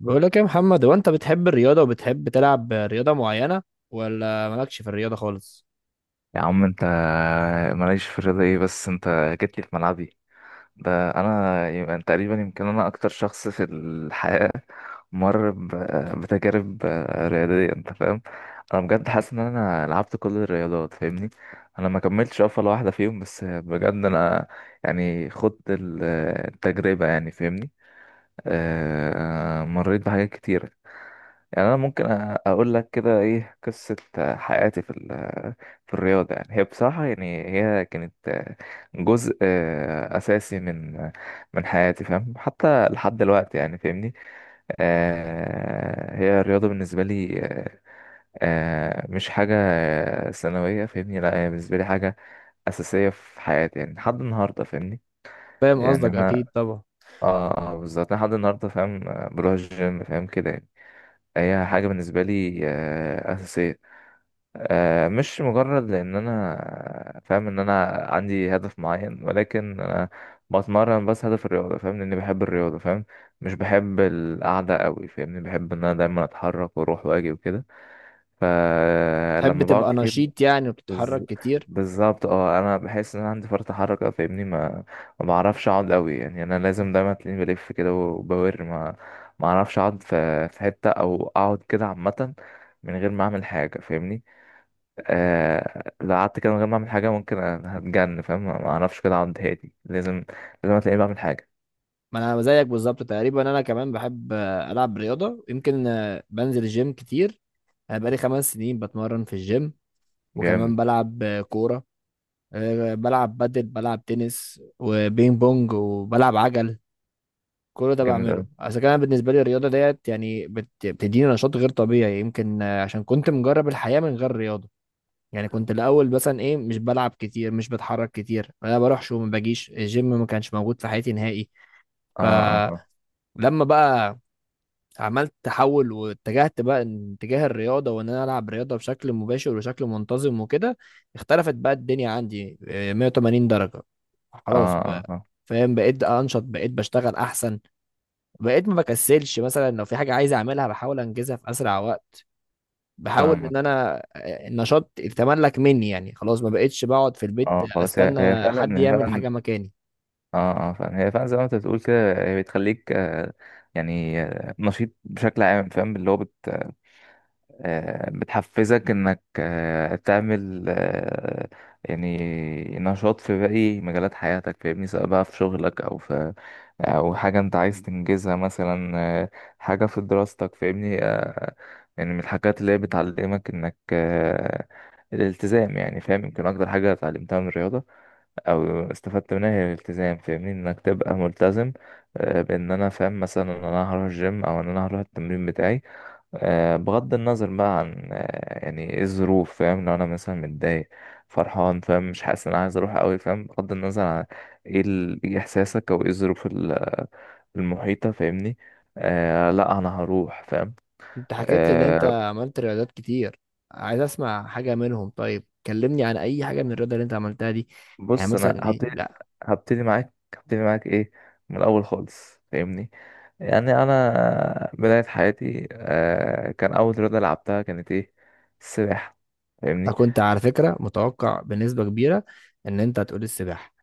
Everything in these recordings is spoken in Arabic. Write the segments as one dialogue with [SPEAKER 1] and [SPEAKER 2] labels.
[SPEAKER 1] بقول لك إيه يا محمد؟ هو انت بتحب الرياضة وبتحب تلعب رياضة معينة، ولا مالكش في الرياضة خالص؟
[SPEAKER 2] يا عم انت، ماليش في الرياضة ايه؟ بس انت جيت لي في ملعبي. ده انا يبقى تقريبا يمكن انا اكتر شخص في الحياة مر بتجارب رياضية، انت فاهم. انا بجد حاسس ان انا لعبت كل الرياضات، فاهمني. انا ما كملتش ولا واحدة فيهم، بس بجد انا يعني خدت التجربة، يعني فاهمني. مريت بحاجات كتير. يعني انا ممكن اقول لك كده ايه قصه حياتي في الرياضه. يعني هي بصراحه، يعني هي كانت جزء اساسي من حياتي، فاهم، حتى لحد دلوقتي يعني فاهمني. هي الرياضه بالنسبه لي مش حاجه ثانويه، فاهمني. لا، هي بالنسبه لي حاجه اساسيه في حياتي، يعني لحد النهارده، فاهمني.
[SPEAKER 1] فاهم
[SPEAKER 2] يعني
[SPEAKER 1] قصدك،
[SPEAKER 2] انا
[SPEAKER 1] اكيد طبعا.
[SPEAKER 2] بالظبط، أنا لحد النهارده فاهم، بروح الجيم، فاهم كده يعني. هي حاجة بالنسبة لي أساسية، مش مجرد لأن أنا فاهم إن أنا عندي هدف معين، ولكن أنا بتمرن بس هدف الرياضة، فاهم، إني بحب الرياضة، فاهم. مش بحب القعدة قوي، فاهمني. بحب إن أنا دايما أتحرك وأروح وأجي وكده.
[SPEAKER 1] تحب
[SPEAKER 2] فلما بقعد
[SPEAKER 1] تبقى
[SPEAKER 2] كتير
[SPEAKER 1] نشيط يعني وبتتحرك
[SPEAKER 2] بز-
[SPEAKER 1] كتير.
[SPEAKER 2] بالظبط، انا بحس ان انا عندي فرط حركه، فاهمني. ما بعرفش اقعد قوي، يعني انا لازم دايما تلاقيني بلف كده وبور. ما اعرفش اقعد في حته او اقعد كده عامه من غير ما اعمل حاجه، فاهمني. لو قعدت كده من غير ما اعمل حاجه ممكن أنا هتجن، فاهم. ما اعرفش كده اقعد هادي، لازم تلاقيني بعمل حاجه.
[SPEAKER 1] ما انا زيك بالظبط تقريبا، انا كمان بحب العب رياضة. يمكن بنزل الجيم كتير. انا بقالي خمس سنين بتمرن في الجيم،
[SPEAKER 2] جامد.
[SPEAKER 1] وكمان بلعب كورة. بلعب بادل، بلعب تنس وبينج بونج، وبلعب عجل. كل ده
[SPEAKER 2] جامد
[SPEAKER 1] بعمله
[SPEAKER 2] قوي.
[SPEAKER 1] اصل كان بالنسبه لي الرياضه ديت يعني بتديني نشاط غير طبيعي. يمكن عشان كنت مجرب الحياه من غير رياضه. يعني كنت الاول مثلا ايه، مش بلعب كتير، مش بتحرك كتير، انا بروحش وما باجيش الجيم، ما كانش موجود في حياتي نهائي.
[SPEAKER 2] اه. اه، اه.
[SPEAKER 1] فلما بقى عملت تحول واتجهت بقى اتجاه الرياضه، وان انا العب رياضه بشكل مباشر وشكل منتظم وكده، اختلفت بقى الدنيا عندي 180 درجه.
[SPEAKER 2] اه.
[SPEAKER 1] خلاص
[SPEAKER 2] اه،
[SPEAKER 1] بقى،
[SPEAKER 2] آه.
[SPEAKER 1] فاهم، بقيت انشط، بقيت بشتغل احسن، بقيت ما بكسلش. مثلا لو في حاجة عايز أعملها بحاول أنجزها في أسرع وقت. بحاول
[SPEAKER 2] فاهمك.
[SPEAKER 1] إن أنا النشاط يتملك مني، يعني خلاص ما بقيتش بقعد في البيت
[SPEAKER 2] اه، خلاص، هي
[SPEAKER 1] أستنى حد
[SPEAKER 2] فعلا
[SPEAKER 1] يعمل
[SPEAKER 2] فعلا.
[SPEAKER 1] حاجة مكاني.
[SPEAKER 2] اه، اه، فعلا، هي فعلا زي ما انت بتقول كده. هي بتخليك يعني نشيط بشكل عام، فاهم، اللي هو بت آه، بتحفزك انك تعمل يعني نشاط في باقي مجالات حياتك، فاهمني، سواء بقى في شغلك او حاجة انت عايز تنجزها، مثلا آه، حاجة في دراستك، فاهمني. يعني من الحاجات اللي هي بتعلمك انك الالتزام، يعني فاهم. يمكن اكتر حاجة اتعلمتها من الرياضة او استفدت منها هي الالتزام، فاهمني، انك تبقى ملتزم بان انا فاهم مثلا ان انا هروح الجيم، او ان انا هروح التمرين بتاعي، بغض النظر بقى عن يعني ايه الظروف، فاهم، لو انا مثلا متضايق، فرحان، فاهم، مش حاسس ان انا عايز اروح قوي، فاهم، بغض النظر عن ايه إيه احساسك او ايه الظروف المحيطة، فاهمني. لا، انا هروح، فاهم.
[SPEAKER 1] أنت حكيت لي إن أنت
[SPEAKER 2] آه
[SPEAKER 1] عملت رياضات كتير، عايز أسمع حاجة منهم. طيب كلمني عن أي حاجة من الرياضة اللي أنت عملتها دي، يعني
[SPEAKER 2] بص، انا
[SPEAKER 1] مثلا إيه.
[SPEAKER 2] هبتدي
[SPEAKER 1] لا،
[SPEAKER 2] هبتدي معاك هبتدي معاك ايه من الاول خالص، فاهمني. يعني انا بداية حياتي كان اول رياضة لعبتها كانت ايه؟ السباحة،
[SPEAKER 1] أنا
[SPEAKER 2] فاهمني.
[SPEAKER 1] كنت على فكرة متوقع بنسبة كبيرة إن أنت هتقول السباحة.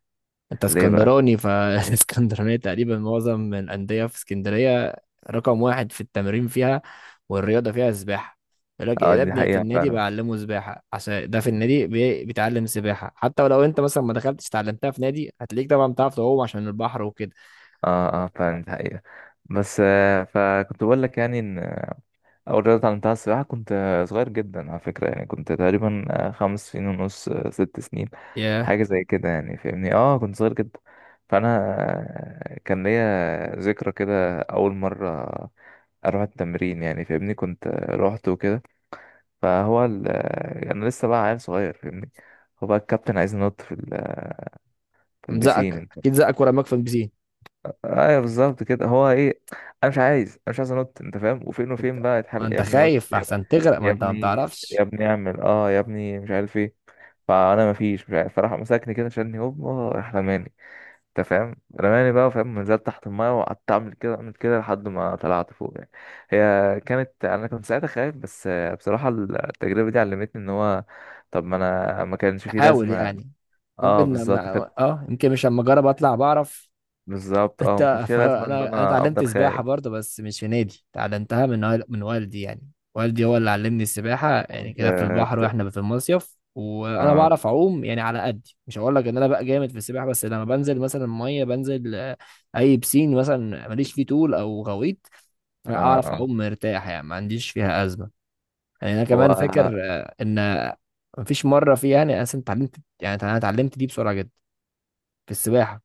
[SPEAKER 1] انت
[SPEAKER 2] ليه بقى؟
[SPEAKER 1] اسكندراني، فالاسكندرانية تقريبا معظم من الأندية في اسكندرية رقم واحد في التمرين فيها، والرياضة فيها السباحة. يقول لك إيه،
[SPEAKER 2] اه،
[SPEAKER 1] يا
[SPEAKER 2] دي
[SPEAKER 1] ابني في
[SPEAKER 2] حقيقة
[SPEAKER 1] النادي
[SPEAKER 2] فعلا.
[SPEAKER 1] بعلمه سباحة، عشان ده في النادي بيتعلم سباحة، حتى ولو انت مثلا ما دخلتش اتعلمتها في نادي هتلاقيك طبعا بتعرف تعوم عشان البحر وكده.
[SPEAKER 2] اه، اه، فعلا، دي حقيقة. بس فكنت بقول لك يعني ان اول رياضة اتعلمتها السباحة. كنت صغير جدا على فكرة، يعني كنت تقريبا 5 سنين ونص، 6 سنين،
[SPEAKER 1] ياه،
[SPEAKER 2] حاجة زي كده يعني فاهمني. اه كنت صغير جدا. فانا كان ليا ذكرى كده اول مرة اروح التمرين، يعني فاهمني، كنت روحت وكده. فهو ال... انا لسه بقى عيل صغير، فاهمني. هو بقى الكابتن عايز ينط في البسين،
[SPEAKER 1] مزقك
[SPEAKER 2] انت.
[SPEAKER 1] اكيد، زقك ورماك في البسين.
[SPEAKER 2] ايوه، بالظبط كده، هو ايه، انا مش عايز انط، انت فاهم، وفين
[SPEAKER 1] تبدأ،
[SPEAKER 2] بقى
[SPEAKER 1] ما
[SPEAKER 2] يتحل، يا
[SPEAKER 1] انت
[SPEAKER 2] ابني نط،
[SPEAKER 1] خايف
[SPEAKER 2] يا ابني،
[SPEAKER 1] احسن تغرق، ما
[SPEAKER 2] يا
[SPEAKER 1] انت ما
[SPEAKER 2] ابني، يا
[SPEAKER 1] بتعرفش
[SPEAKER 2] ابني اعمل يا ابني مش عارف ايه. فانا مفيش مش عارف، فراح مسكني كده، شالني هوب، راح رماني، انت فاهم، رماني بقى، فاهم، نزلت تحت المايه وقعدت اعمل كده اعمل كده لحد ما طلعت فوق يعني. هي كانت انا كنت ساعتها خايف، بس بصراحه التجربه دي علمتني ان هو، طب ما انا ما كانش فيه
[SPEAKER 1] تحاول
[SPEAKER 2] لازمه.
[SPEAKER 1] يعني.
[SPEAKER 2] اه
[SPEAKER 1] ممكن لما،
[SPEAKER 2] بالظبط كانت-
[SPEAKER 1] اه، يمكن مش لما اجرب اطلع بعرف.
[SPEAKER 2] بالظبط، ما
[SPEAKER 1] انت،
[SPEAKER 2] كانش فيه
[SPEAKER 1] فانا
[SPEAKER 2] لازمه ان
[SPEAKER 1] انا
[SPEAKER 2] انا
[SPEAKER 1] اتعلمت
[SPEAKER 2] افضل
[SPEAKER 1] سباحه
[SPEAKER 2] خايف.
[SPEAKER 1] برضه، بس مش في نادي، اتعلمتها من من والدي يعني. والدي هو اللي علمني السباحه، يعني
[SPEAKER 2] كنت
[SPEAKER 1] كده في
[SPEAKER 2] اه.
[SPEAKER 1] البحر واحنا في المصيف، وانا
[SPEAKER 2] اه.
[SPEAKER 1] بعرف اعوم يعني على قدي. مش هقول لك ان انا بقى جامد في السباحه، بس لما بنزل مثلا ميه، بنزل اي بسين مثلا ماليش فيه طول او غويط، اعرف
[SPEAKER 2] آه.
[SPEAKER 1] اعوم مرتاح يعني، ما عنديش فيها ازمه. يعني انا
[SPEAKER 2] هو
[SPEAKER 1] كمان فاكر
[SPEAKER 2] اه.
[SPEAKER 1] ان مفيش مره فيها يعني، انا أصلاً اتعلمت، يعني انا اتعلمت دي بسرعه جدا في السباحه،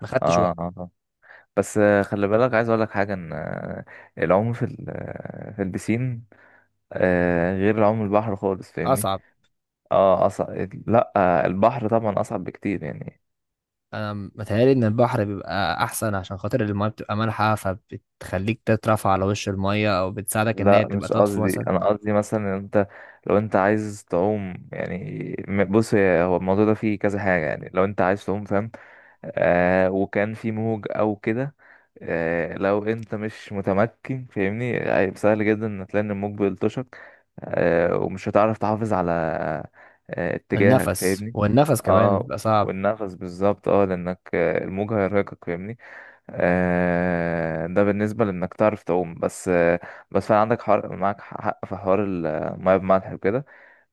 [SPEAKER 1] ما خدتش وقت.
[SPEAKER 2] آه. بس خلي بالك، عايز اقول لك حاجه، ان العوم في البسين غير العوم البحر خالص، فاهمني.
[SPEAKER 1] اصعب.
[SPEAKER 2] اه، اصعب. لا، البحر طبعا اصعب بكتير، يعني.
[SPEAKER 1] انا متهيألي ان البحر بيبقى احسن عشان خاطر المايه بتبقى مالحه، فبتخليك تترفع على وش المايه، او بتساعدك ان هي
[SPEAKER 2] لا،
[SPEAKER 1] تبقى
[SPEAKER 2] مش
[SPEAKER 1] تطفو
[SPEAKER 2] قصدي،
[SPEAKER 1] مثلا.
[SPEAKER 2] انا قصدي مثلا ان انت، لو انت عايز تعوم، يعني بص، هو الموضوع ده فيه كذا حاجة، يعني لو انت عايز تعوم، فاهم، وكان في موج او كده، لو انت مش متمكن، فاهمني، هيبقى سهل جدا ان تلاقي ان الموج بيلطشك، ومش هتعرف تحافظ على اتجاهك،
[SPEAKER 1] النفس،
[SPEAKER 2] فاهمني.
[SPEAKER 1] والنفس كمان
[SPEAKER 2] اه
[SPEAKER 1] بيبقى صعب.
[SPEAKER 2] والنفس بالظبط، لانك الموج هيرهقك، فاهمني. ده بالنسبة لإنك تعرف تعوم. بس فعلا عندك معاك حق في حوار المية بملح وكده.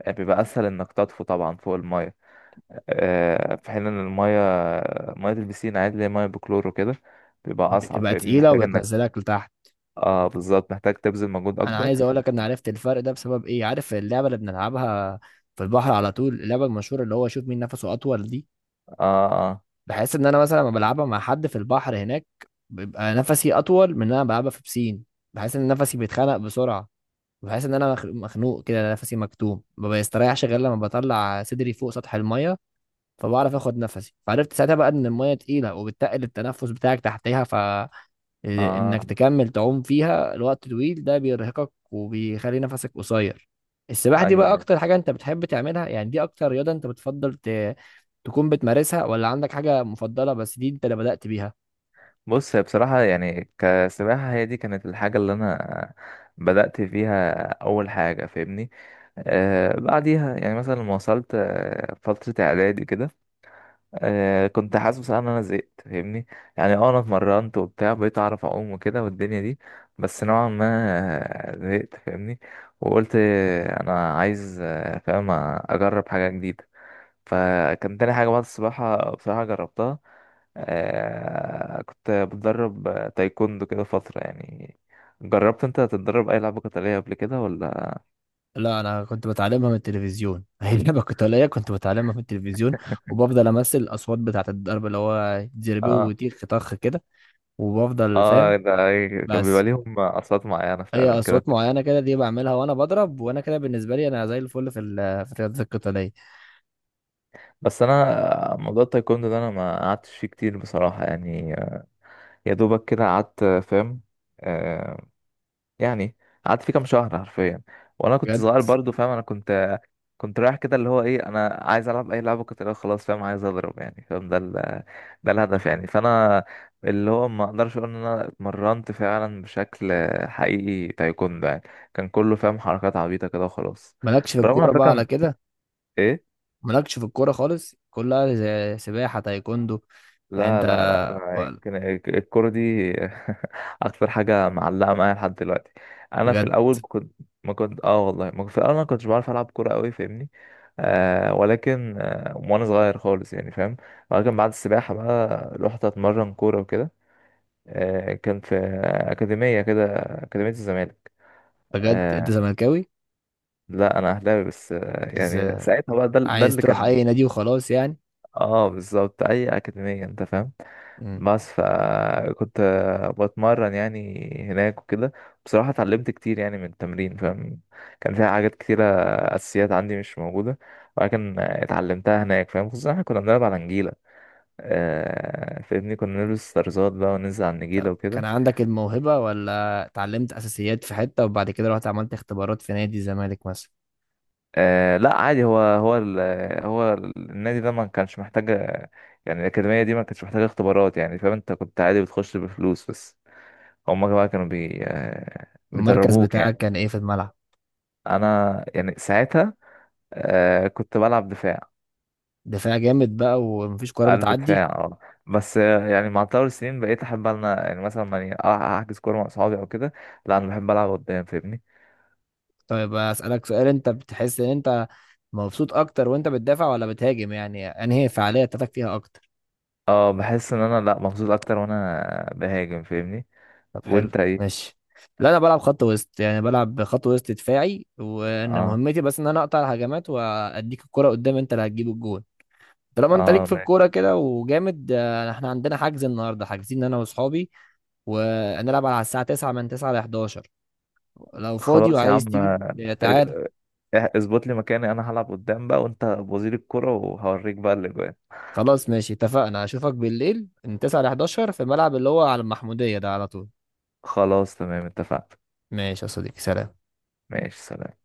[SPEAKER 2] بيبقى أسهل إنك تطفو طبعا فوق المية، في حين إن مية البسين عادي، اللي هي مية بكلور وكده، بيبقى أصعب،
[SPEAKER 1] بتبقى
[SPEAKER 2] فاهمني،
[SPEAKER 1] تقيله
[SPEAKER 2] محتاج إنك
[SPEAKER 1] وبتنزلك لتحت.
[SPEAKER 2] اه بالظبط، محتاج تبذل مجهود
[SPEAKER 1] انا
[SPEAKER 2] أكبر.
[SPEAKER 1] عايز اقول لك ان عرفت الفرق ده بسبب ايه. عارف اللعبه اللي بنلعبها في البحر على طول، اللعبه المشهوره اللي هو شوف مين نفسه اطول دي،
[SPEAKER 2] اه.
[SPEAKER 1] بحس ان انا مثلا لما بلعبها مع حد في البحر هناك بيبقى نفسي اطول من ان انا بلعبها في بسين. بحس ان نفسي بيتخنق بسرعه، بحس ان انا مخنوق كده، أنا نفسي مكتوم، ما بيستريحش غير لما بطلع صدري فوق سطح الميه فبعرف اخد نفسي. فعرفت ساعتها بقى ان الميه تقيله، وبتقل التنفس بتاعك تحتها، فانك
[SPEAKER 2] اه. آه.
[SPEAKER 1] تكمل تعوم فيها لوقت طويل ده بيرهقك وبيخلي نفسك قصير. السباحه دي
[SPEAKER 2] أيوه،
[SPEAKER 1] بقى
[SPEAKER 2] أيوه.
[SPEAKER 1] اكتر حاجه انت بتحب تعملها يعني؟ دي اكتر رياضه انت بتفضل تكون بتمارسها، ولا عندك حاجه مفضله، بس دي انت اللي بدأت بيها؟
[SPEAKER 2] بص، هي بصراحة يعني كسباحة، هي دي كانت الحاجة اللي أنا بدأت فيها أول حاجة، فاهمني. بعديها، يعني مثلا لما وصلت فترة إعدادي كده، كنت حاسس بصراحة إن أنا زهقت، فاهمني. يعني أنا اتمرنت وبتاع، بقيت أعرف أعوم وكده والدنيا دي، بس نوعا ما زهقت، فاهمني. وقلت أنا عايز، فاهم، أجرب حاجة جديدة. فكان تاني حاجة بعد السباحة بصراحة جربتها كنت بتدرب تايكوندو كده فترة، يعني جربت انت تتدرب اي لعبة قتالية قبل كده ولا؟
[SPEAKER 1] لا، انا كنت بتعلمها من التلفزيون. هي اللعبه القتاليه كنت بتعلمها من التلفزيون، وبفضل امثل الاصوات بتاعت الضرب اللي هو زربيه
[SPEAKER 2] اه،
[SPEAKER 1] وتيخ طخ كده، وبفضل
[SPEAKER 2] اه،
[SPEAKER 1] فاهم،
[SPEAKER 2] ده كان بيبقى
[SPEAKER 1] بس.
[SPEAKER 2] ليهم اصوات معينة
[SPEAKER 1] هي
[SPEAKER 2] فعلا كده.
[SPEAKER 1] اصوات معينه كده دي بعملها وانا بضرب، وانا كده بالنسبه لي انا زي الفل في الرياضات القتاليه.
[SPEAKER 2] بس انا موضوع التايكوندو ده انا ما قعدتش فيه كتير بصراحة، يعني يا دوبك كده قعدت، فاهم آه يعني قعدت فيه كام شهر حرفيا. وانا كنت صغير
[SPEAKER 1] بجد،
[SPEAKER 2] برضو، فاهم، انا كنت رايح كده، اللي هو ايه، انا عايز العب اي لعبه قتاليه، خلاص، فاهم، عايز اضرب يعني، فاهم، ده الهدف يعني، فانا اللي هو ما اقدرش اقول ان انا اتمرنت فعلا بشكل حقيقي تايكوندو يعني، كان كله فاهم حركات عبيطه كده وخلاص.
[SPEAKER 1] مالكش في
[SPEAKER 2] برغم على
[SPEAKER 1] الكوره بقى على
[SPEAKER 2] فكره،
[SPEAKER 1] كده؟
[SPEAKER 2] ايه،
[SPEAKER 1] مالكش في الكوره خالص، كلها زي سباحه تايكوندو يعني،
[SPEAKER 2] لا
[SPEAKER 1] انت؟
[SPEAKER 2] لا لا، انا يمكن الكوره دي اكتر حاجه معلقه معايا لحد دلوقتي. انا في
[SPEAKER 1] بجد؟
[SPEAKER 2] الاول كنت، ما كنت اه والله، ما كنت في الاول انا ما كنتش بعرف العب كوره قوي، فاهمني، ولكن وانا صغير خالص يعني فاهم، ولكن بعد السباحه بقى رحت اتمرن كوره وكده. كان في اكاديميه كده، اكاديميه الزمالك.
[SPEAKER 1] بجد انت
[SPEAKER 2] آه
[SPEAKER 1] زملكاوي؟
[SPEAKER 2] لا، انا اهلاوي، بس يعني
[SPEAKER 1] ازاي؟
[SPEAKER 2] ساعتها بقى، ده
[SPEAKER 1] عايز
[SPEAKER 2] اللي
[SPEAKER 1] تروح
[SPEAKER 2] كان.
[SPEAKER 1] اي نادي وخلاص يعني.
[SPEAKER 2] اه، بالظبط، اي اكاديميه، انت فاهم، بس فكنت بتمرن يعني هناك وكده. بصراحة اتعلمت كتير يعني من التمرين، فاهم، كان فيها حاجات كتيرة أساسيات عندي مش موجودة، ولكن اتعلمتها هناك، فاهم، خصوصا احنا كنا بنلعب على نجيلة. فاهمني، كنا نلبس طرزات بقى وننزل على
[SPEAKER 1] طب
[SPEAKER 2] النجيلة
[SPEAKER 1] كان
[SPEAKER 2] وكده.
[SPEAKER 1] عندك الموهبة، ولا اتعلمت أساسيات في حتة، وبعد كده رحت عملت اختبارات في نادي الزمالك مثلا؟
[SPEAKER 2] لا، عادي، هو النادي ده ما كانش محتاج، يعني الأكاديمية دي ما كانتش محتاجة اختبارات، يعني فاهم، انت كنت عادي بتخش بفلوس بس. هما بقى كانوا بي آه،
[SPEAKER 1] المركز
[SPEAKER 2] بيدربوك يعني.
[SPEAKER 1] بتاعك كان إيه في الملعب؟
[SPEAKER 2] انا يعني ساعتها كنت بلعب دفاع.
[SPEAKER 1] دفاع جامد بقى، ومفيش كورة
[SPEAKER 2] قلب
[SPEAKER 1] بتعدي.
[SPEAKER 2] دفاع. اه بس يعني مع تطور السنين بقيت احب انا، يعني مثلا ماني احجز كوره مع اصحابي او كده، لا، انا بحب العب قدام، فاهمني.
[SPEAKER 1] طيب أسألك سؤال، أنت بتحس إن أنت مبسوط أكتر وأنت بتدافع ولا بتهاجم؟ يعني أنهي هي الفعالية بتاعتك فيها أكتر؟
[SPEAKER 2] اه، بحس ان انا، لا، مبسوط اكتر وانا بهاجم، فاهمني.
[SPEAKER 1] طب حلو.
[SPEAKER 2] وانت ايه؟
[SPEAKER 1] ماشي. لا أنا بلعب خط وسط، يعني بلعب خط وسط دفاعي، وأنا
[SPEAKER 2] اه.
[SPEAKER 1] مهمتي بس إن أنا أقطع الهجمات وأديك الكرة قدام، أنت اللي هتجيب الجون. طالما انت
[SPEAKER 2] اه،
[SPEAKER 1] ليك في
[SPEAKER 2] ماشي.
[SPEAKER 1] الكوره كده وجامد، احنا عندنا حجز النهارده، حاجزين انا واصحابي، وهنلعب على الساعه 9:00، من 9 ل 11. لو فاضي
[SPEAKER 2] خلاص يا
[SPEAKER 1] وعايز
[SPEAKER 2] عم،
[SPEAKER 1] تيجي، تعالى.
[SPEAKER 2] اظبط لي مكاني، انا هلعب قدام بقى، وانت وزير الكرة، وهوريك بقى الاجوان.
[SPEAKER 1] خلاص ماشي، اتفقنا، اشوفك بالليل من 9 ل 11 في الملعب اللي هو على المحموديه ده على طول.
[SPEAKER 2] خلاص تمام، اتفقنا.
[SPEAKER 1] ماشي يا صديقي، سلام.
[SPEAKER 2] ماشي، سلام.